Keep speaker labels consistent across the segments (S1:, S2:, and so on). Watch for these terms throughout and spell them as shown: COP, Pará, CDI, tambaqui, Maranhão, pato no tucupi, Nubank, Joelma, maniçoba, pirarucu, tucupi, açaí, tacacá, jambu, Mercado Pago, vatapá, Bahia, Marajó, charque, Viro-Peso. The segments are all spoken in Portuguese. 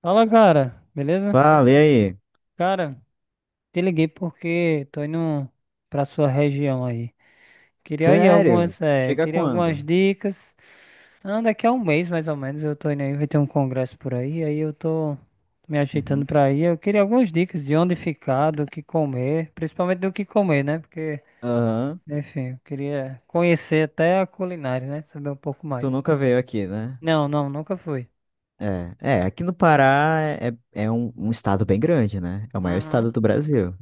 S1: Fala, cara, beleza?
S2: Fala, e aí?
S1: Cara, te liguei porque tô indo pra sua região aí. Queria aí
S2: Sério?
S1: algumas,
S2: Chega
S1: queria algumas
S2: quando?
S1: dicas. Ah, daqui a um mês, mais ou menos, eu tô indo aí, vai ter um congresso por aí, aí eu tô me ajeitando
S2: Uhum.
S1: pra ir. Eu queria algumas dicas de onde ficar, do que comer, principalmente do que comer, né? Porque,
S2: Aham.
S1: enfim, eu queria conhecer até a culinária, né? Saber um pouco
S2: Tu
S1: mais.
S2: nunca veio aqui, né?
S1: Não, não, nunca fui.
S2: Aqui no Pará é um, um estado bem grande, né? É o maior
S1: Uhum.
S2: estado do Brasil.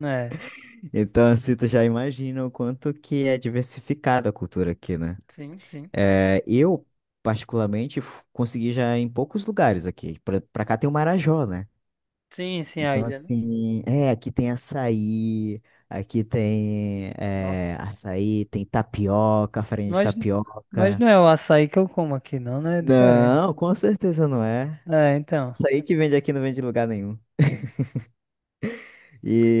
S1: É,
S2: Então, assim, tu já imagina o quanto que é diversificada a cultura aqui, né?
S1: sim, sim.
S2: É, eu, particularmente, consegui já em poucos lugares aqui. Pra cá tem o Marajó, né?
S1: Sim, sim, a
S2: Então,
S1: ilha, né?
S2: assim, aqui tem açaí, aqui tem
S1: Nossa.
S2: açaí, tem tapioca, farinha de
S1: Mas, mas
S2: tapioca.
S1: não é o açaí que eu como aqui, não, né? É diferente.
S2: Não, com certeza não é.
S1: É, então.
S2: Açaí que vende aqui não vende em lugar nenhum.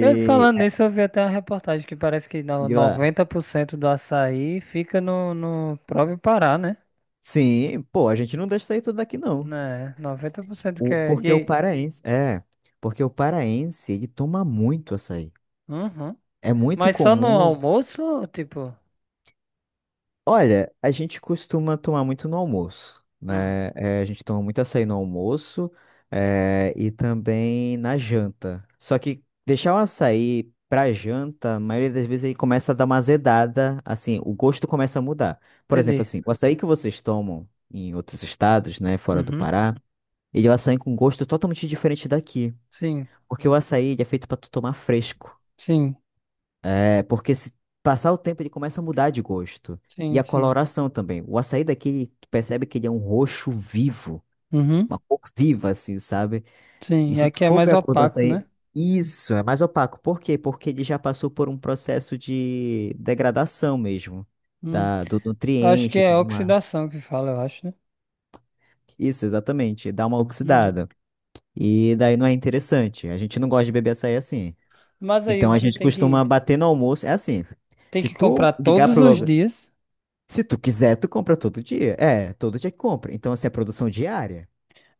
S1: Eu falando
S2: é,
S1: nisso, eu vi até uma reportagem que parece que
S2: de lá.
S1: 90% do açaí fica no próprio Pará, né?
S2: Sim, pô, a gente não deixa sair tudo daqui, não.
S1: Né, 90% que
S2: O,
S1: é. E
S2: porque o
S1: aí?
S2: paraense, é, porque o paraense, ele toma muito açaí.
S1: Uhum.
S2: É muito
S1: Mas só no
S2: comum.
S1: almoço, tipo?
S2: Olha, a gente costuma tomar muito no almoço,
S1: Hum,
S2: né? A gente toma muito açaí no almoço, e também na janta. Só que deixar o açaí pra janta, a maioria das vezes ele começa a dar uma azedada, assim, o gosto começa a mudar. Por exemplo,
S1: entendi.
S2: assim, o açaí que vocês tomam em outros estados, né, fora do
S1: Uhum.
S2: Pará, ele é um açaí com gosto totalmente diferente daqui.
S1: Sim,
S2: Porque o açaí ele é feito pra tu tomar fresco.
S1: sim,
S2: É porque se passar o tempo ele começa a mudar de gosto. E
S1: sim,
S2: a
S1: sim.
S2: coloração também. O açaí daqui, tu percebe que ele é um roxo vivo.
S1: Uhum.
S2: Uma cor viva, assim, sabe?
S1: Sim,
S2: E
S1: e
S2: se tu
S1: aqui é
S2: for ver
S1: mais
S2: a cor do
S1: opaco, né?
S2: açaí, isso, é mais opaco. Por quê? Porque ele já passou por um processo de degradação mesmo.
S1: Hum.
S2: Do
S1: Acho que
S2: nutriente e
S1: é
S2: tudo mais.
S1: oxidação que fala, eu acho, né?
S2: Isso, exatamente. Dá uma
S1: Uhum.
S2: oxidada. E daí não é interessante. A gente não gosta de beber açaí assim.
S1: Mas aí
S2: Então a
S1: você
S2: gente
S1: tem que
S2: costuma bater no almoço. É assim.
S1: tem
S2: Se
S1: que
S2: tu
S1: comprar
S2: ligar
S1: todos
S2: pro
S1: os
S2: lugar.
S1: dias.
S2: Se tu quiser, tu compra todo dia. É, todo dia que compra. Então, assim, é produção diária.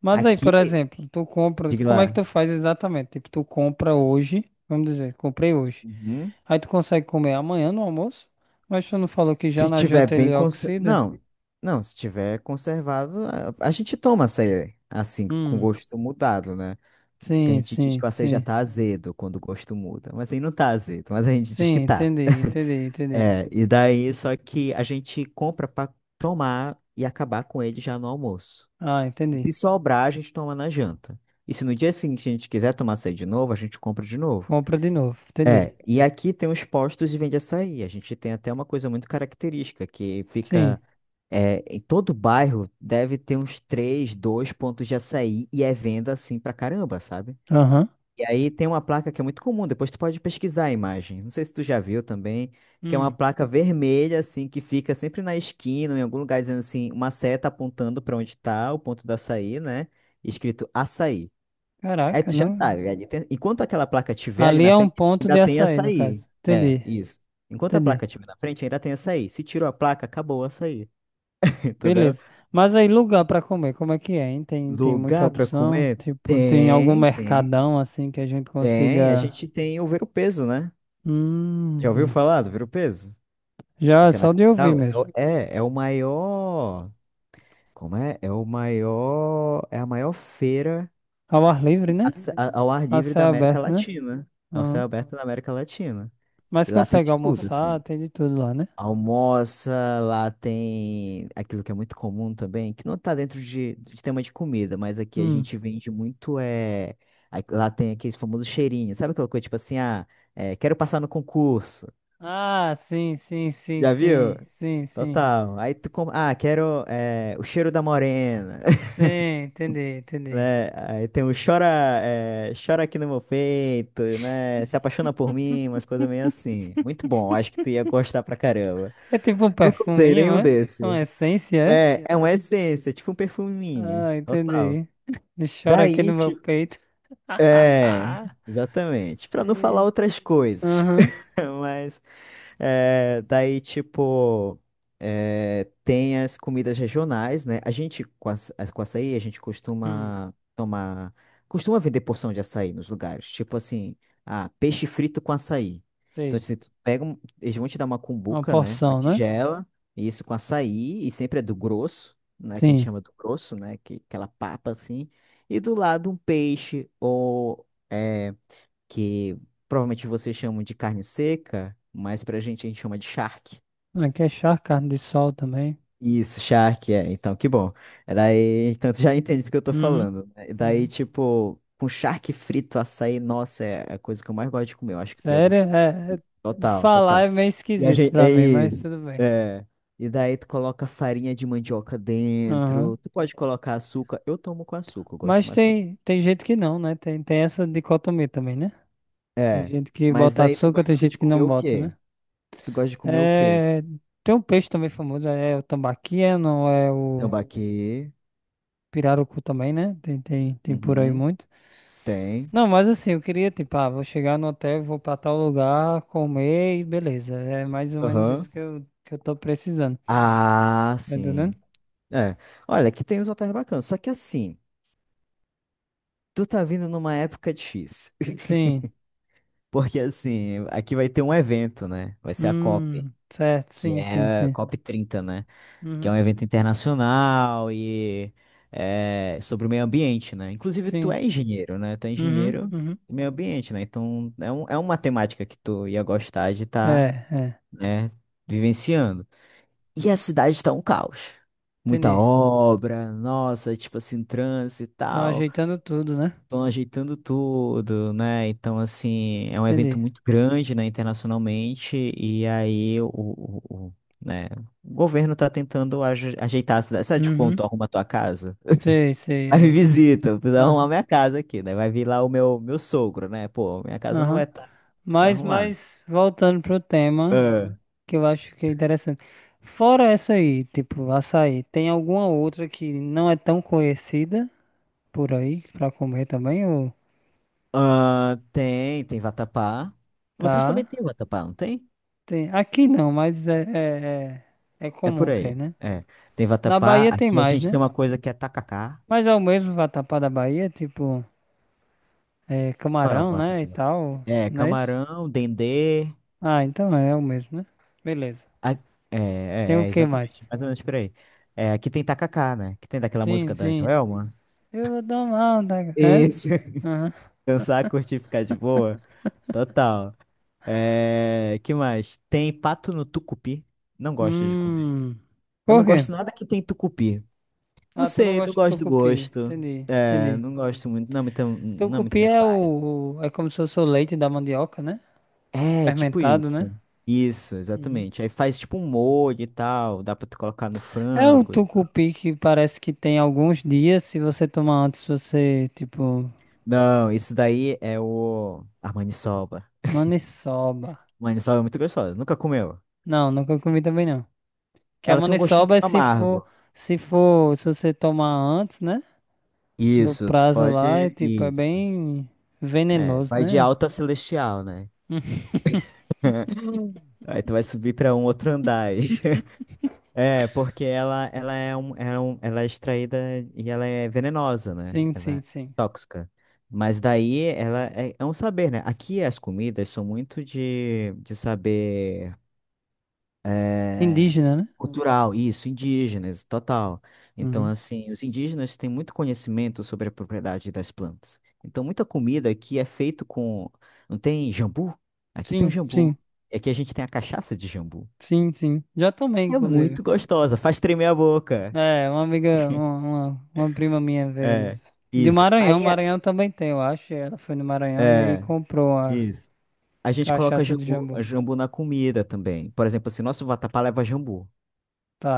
S1: Mas aí, por
S2: Aqui,
S1: exemplo, tu compra.
S2: diga
S1: Como é que
S2: lá.
S1: tu faz exatamente? Tipo, tu compra hoje. Vamos dizer, comprei hoje.
S2: Uhum.
S1: Aí tu consegue comer amanhã no almoço. Mas tu não falou que já
S2: Se
S1: na
S2: tiver
S1: janta
S2: bem
S1: ele
S2: cons...
S1: oxida?
S2: Não, não, se tiver conservado, a gente toma açaí, assim, com
S1: Hum.
S2: gosto mudado, né? Que a
S1: Sim,
S2: gente diz
S1: sim,
S2: que o açaí já
S1: sim.
S2: tá azedo quando o gosto muda. Mas aí não tá azedo, mas a gente diz que
S1: Sim,
S2: tá.
S1: entendi, entendi, entendi.
S2: É, e daí, só que a gente compra pra tomar e acabar com ele já no almoço.
S1: Ah,
S2: E se
S1: entendi.
S2: sobrar, a gente toma na janta. E se no dia seguinte a gente quiser tomar açaí de novo, a gente compra de novo.
S1: Compra de novo, entendi.
S2: É, e aqui tem os postos de vende açaí. A gente tem até uma coisa muito característica, que
S1: Sim.
S2: fica. Em todo bairro deve ter uns três, dois pontos de açaí e é venda assim pra caramba, sabe?
S1: Aham.
S2: E aí tem uma placa que é muito comum, depois tu pode pesquisar a imagem. Não sei se tu já viu também, que é uma
S1: Hum.
S2: placa vermelha, assim, que fica sempre na esquina, em algum lugar, dizendo assim, uma seta apontando pra onde tá o ponto do açaí, né? Escrito açaí. Aí
S1: Caraca,
S2: tu já
S1: não.
S2: sabe, enquanto aquela placa tiver ali
S1: Ali
S2: na
S1: é um
S2: frente,
S1: ponto
S2: ainda
S1: de
S2: tem
S1: açaí, no
S2: açaí.
S1: caso.
S2: É,
S1: Entendi,
S2: isso. Enquanto a
S1: entendi.
S2: placa tiver na frente, ainda tem açaí. Se tirou a placa, acabou o açaí. Entendeu?
S1: Beleza. Mas aí, lugar pra comer, como é que é, hein? Tem muita
S2: Lugar pra
S1: opção?
S2: comer?
S1: Tipo, tem algum
S2: Tem, tem,
S1: mercadão assim que a gente
S2: tem. A
S1: consiga.
S2: gente tem o ver o peso, né? Já ouviu
S1: Hum,
S2: falar do Viro-Peso?
S1: já é
S2: Fica na
S1: só de ouvir
S2: capital. É,
S1: mesmo.
S2: o- é é o maior. Como é? É o maior. É a maior feira
S1: Ao ar livre, né?
S2: a ce- a- ao ar
S1: A
S2: livre da
S1: céu
S2: América
S1: aberto, né?
S2: Latina. Ao céu
S1: Aham.
S2: aberto da América Latina.
S1: Mas
S2: E lá tem
S1: consegue
S2: de tudo, assim.
S1: almoçar, tem de tudo lá, né?
S2: Almoça, lá tem aquilo que é muito comum também, que não tá dentro de tema de comida, mas aqui a
S1: Hum.
S2: gente vende muito. Lá tem aqueles famosos cheirinhos. Sabe aquela coisa tipo assim, ah, quero passar no concurso.
S1: Ah, sim, sim, sim,
S2: Já viu?
S1: sim, sim, sim.
S2: Total. Ah, quero o cheiro da morena,
S1: Sim, entendi, entendi.
S2: né? Aí tem o chora, chora aqui no meu peito, né? Se apaixona por mim, umas coisas meio assim. Muito bom, acho que tu ia gostar pra caramba.
S1: É tipo um
S2: Nunca usei
S1: perfuminho,
S2: nenhum
S1: é?
S2: desse.
S1: Uma essência, é?
S2: É uma essência, tipo um perfuminho.
S1: Ah,
S2: Total.
S1: entendi. Chora aqui no
S2: Daí,
S1: meu
S2: tipo.
S1: peito.
S2: É, exatamente. Pra não falar
S1: Eita.
S2: outras coisas.
S1: Aham.
S2: Mas. É, daí, tipo, tem as comidas regionais, né? A gente, com, aç- com açaí, a gente
S1: Hum,
S2: costuma tomar. Costuma vender porção de açaí nos lugares. Tipo assim, ah, peixe frito com açaí. Então,
S1: sei.
S2: se tu pega, eles vão te dar uma
S1: Uma
S2: cumbuca, né? Uma
S1: porção, né?
S2: tigela, e isso com açaí, e sempre é do grosso, né? Que a gente
S1: Sim.
S2: chama do grosso, né? Que, aquela papa assim. E do lado um peixe ou. É, que provavelmente vocês chamam de carne seca, mas pra gente a gente chama de charque.
S1: Aqui é charque, carne de sol também.
S2: Isso, charque, é. Então, que bom. É daí, então tu já entende do que eu tô
S1: Uhum.
S2: falando, né? Daí,
S1: Uhum.
S2: tipo, com charque frito, açaí, nossa, é a coisa que eu mais gosto de comer. Eu acho que tu ia
S1: Sério?
S2: gostar.
S1: De
S2: Total,
S1: falar
S2: total.
S1: é meio
S2: E a
S1: esquisito
S2: gente,
S1: pra
S2: é
S1: mim, mas
S2: isso.
S1: tudo bem.
S2: É. E daí tu coloca farinha de mandioca
S1: Aham.
S2: dentro. Tu pode colocar açúcar. Eu tomo com açúcar, eu gosto
S1: Mas
S2: mais com.
S1: tem gente que não, né? Tem essa dicotomia também, né? Tem
S2: É.
S1: gente que
S2: Mas
S1: bota
S2: daí tu
S1: açúcar, tem
S2: gosta de
S1: gente que
S2: comer
S1: não
S2: o
S1: bota,
S2: quê?
S1: né?
S2: Tu gosta de comer o quê?
S1: É, tem um peixe também famoso, é o tambaqui, é, não é o.
S2: Tambaqui.
S1: Pirarucu também, né? Tem, tem, tem por aí
S2: Uhum.
S1: muito.
S2: Tem.
S1: Não, mas assim, eu queria, tipo, ah, vou chegar no hotel, vou pra tal lugar, comer e beleza. É mais ou menos isso
S2: Aham.
S1: que eu tô precisando.
S2: Ah,
S1: Tá entendendo?
S2: sim. É. Olha, aqui tem uns hotéis bacanas. Só que assim, tu tá vindo numa época difícil.
S1: Sim.
S2: Porque assim, aqui vai ter um evento, né? Vai ser a COP,
S1: Certo,
S2: que
S1: sim, sim,
S2: é a
S1: sim.
S2: COP 30 né? Que é
S1: Uhum,
S2: um evento internacional e é sobre o meio ambiente, né? Inclusive, tu
S1: sim.
S2: é engenheiro, né? Tu é
S1: Uhum,
S2: engenheiro
S1: uhum.
S2: do meio ambiente, né? Então, é uma temática que tu ia gostar de
S1: É,
S2: estar,
S1: é.
S2: né, vivenciando. E a cidade tá um caos. Muita
S1: Entendi.
S2: obra, nossa, tipo assim, trânsito e
S1: Estão
S2: tal.
S1: ajeitando tudo, né?
S2: Estão ajeitando tudo, né? Então, assim, é um evento
S1: Entendi.
S2: muito grande, né, internacionalmente. E aí, o, né, o governo tá tentando ajeitar a cidade. Sabe, tipo, quando
S1: Uhum.
S2: tu arruma a tua casa?
S1: Sei, sei,
S2: Aí me
S1: é.
S2: visita, eu preciso arrumar
S1: Aham,
S2: minha casa aqui, né? Vai vir lá o meu sogro, né? Pô, minha casa não vai
S1: aham.
S2: estar desarrumada.
S1: Voltando pro tema
S2: É.
S1: que eu acho que é interessante. Fora essa aí, tipo, açaí, tem alguma outra que não é tão conhecida por aí pra comer também? Ou
S2: Tem vatapá. Vocês
S1: tá?
S2: também têm vatapá, não tem?
S1: Tem... Aqui não, mas é
S2: É por
S1: comum ter,
S2: aí.
S1: né?
S2: É. Tem
S1: Na
S2: vatapá.
S1: Bahia tem
S2: Aqui a
S1: mais,
S2: gente tem
S1: né?
S2: uma coisa que é tacacá.
S1: Mas é o mesmo vatapá da Bahia, tipo, é,
S2: Qual é o
S1: camarão, né? E
S2: vatapá?
S1: tal,
S2: É,
S1: não é isso?
S2: camarão, dendê.
S1: Ah, então é, o mesmo, né? Beleza.
S2: A-
S1: Tem o que
S2: exatamente.
S1: mais?
S2: Mais ou menos por aí. É, aqui tem tacacá, né? Que tem daquela
S1: Sim,
S2: música da
S1: sim.
S2: Joelma.
S1: Eu vou tomar um, tá? É?
S2: Isso.
S1: Aham.
S2: Dançar, curtir, ficar de boa. Total. É, que mais? Tem pato no tucupi. Não gosto de comer.
S1: Hum.
S2: Eu não
S1: Por quê?
S2: gosto nada que tem tucupi. Não
S1: Ah, tu não
S2: sei, não
S1: gosta de
S2: gosto do
S1: tucupi.
S2: gosto.
S1: Entendi,
S2: É,
S1: entendi.
S2: não gosto muito. Não é muito
S1: Tucupi
S2: minha
S1: é
S2: vibe.
S1: é como se fosse o leite da mandioca, né?
S2: É, tipo
S1: Fermentado, né?
S2: isso. Isso,
S1: Uhum.
S2: exatamente. Aí faz tipo um molho e tal, dá pra tu colocar no
S1: É o
S2: frango.
S1: tucupi que parece que tem alguns dias. Se você tomar antes, você, tipo.
S2: Não, isso daí é o... A maniçoba.
S1: Maniçoba.
S2: Maniçoba é muito gostosa, nunca comeu.
S1: Não, nunca comi também não. Que a
S2: Ela tem um gostinho
S1: maniçoba
S2: meio
S1: é se for.
S2: amargo.
S1: Se for. Se você tomar antes, né? Do prazo lá, é tipo. É
S2: Isso.
S1: bem
S2: É,
S1: venenoso,
S2: vai de
S1: né?
S2: alto a celestial, né? Aí tu vai subir pra um outro andar aí. É, porque ela é um- ela é extraída e ela é venenosa, né?
S1: Sim,
S2: Ela
S1: sim,
S2: é
S1: sim.
S2: tóxica. Mas daí ela é um saber, né? Aqui as comidas são muito de saber é,
S1: Indígena, né?
S2: cultural, isso, indígenas, total. Então,
S1: Uhum.
S2: assim, os indígenas têm muito conhecimento sobre a propriedade das plantas. Então, muita comida aqui é feito com. Não tem jambu? Aqui tem um
S1: Sim,
S2: jambu.
S1: sim.
S2: É que a gente tem a cachaça de jambu.
S1: Sim, sim. Já tomei,
S2: É
S1: inclusive.
S2: muito gostosa, faz tremer a boca.
S1: É, uma amiga, uma prima minha veio
S2: É,
S1: de
S2: isso.
S1: Maranhão.
S2: Aí, é,
S1: Maranhão também tem, eu acho. E ela foi no Maranhão e aí
S2: é,
S1: comprou a
S2: isso. A gente coloca
S1: cachaça de
S2: jambu,
S1: jambu.
S2: jambu na comida também. Por exemplo, assim, nosso vatapá leva jambu.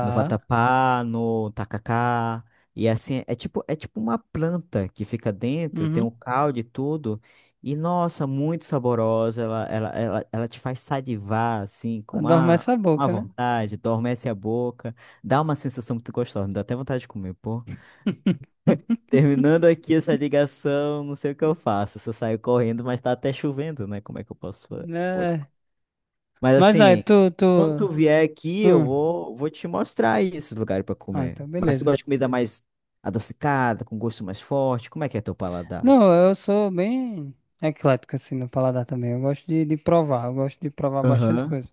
S2: No vatapá, no tacacá. E assim, é tipo uma planta que fica dentro, tem
S1: Uhum.
S2: um caldo e tudo. E nossa, muito saborosa. Ela te faz salivar, assim, com
S1: Adormece a
S2: uma
S1: boca, né?
S2: vontade, adormece a boca. Dá uma sensação muito gostosa, me dá até vontade de comer, terminando aqui essa ligação, não sei o que eu faço. Se eu saio correndo, mas tá até chovendo, né? Como é que eu posso. Fa- como é que-
S1: É.
S2: Mas
S1: Mas aí,
S2: assim,
S1: tu.
S2: quando tu vier aqui,
S1: Hum.
S2: vou te mostrar esses lugares pra
S1: Ah,
S2: comer.
S1: então
S2: Mas tu
S1: beleza.
S2: gosta de comida mais adocicada, com gosto mais forte? Como é que é teu paladar?
S1: Não, eu sou bem eclético assim no paladar também. Eu gosto de provar, eu gosto de provar bastante
S2: Aham,
S1: coisa.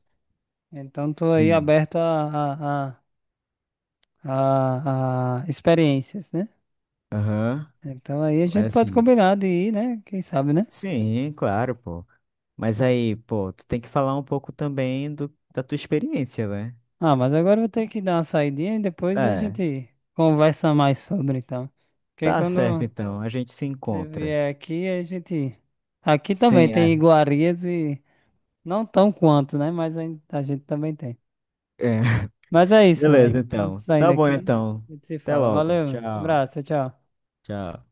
S1: Então tô aí
S2: sim,
S1: aberto a experiências, né?
S2: aham.
S1: Então aí a
S2: Mas
S1: gente pode
S2: assim,
S1: combinar de ir, né? Quem sabe, né?
S2: sim, claro, pô. Mas aí, pô, tu tem que falar um pouco também da tua experiência, né?
S1: Ah, mas agora eu vou ter que dar uma saidinha e depois a
S2: É,
S1: gente conversa mais sobre, então. Porque
S2: tá certo
S1: quando
S2: então, a gente se
S1: você
S2: encontra.
S1: vier aqui, a gente. Aqui também
S2: Sim,
S1: tem
S2: é.
S1: iguarias e não tão quanto, né? Mas a gente também tem.
S2: É.
S1: Mas é isso.
S2: Beleza, então. Tá
S1: Saindo
S2: bom,
S1: aqui,
S2: então.
S1: a gente se
S2: Até
S1: fala.
S2: logo.
S1: Valeu,
S2: Tchau.
S1: abraço, tchau, tchau.
S2: Tchau.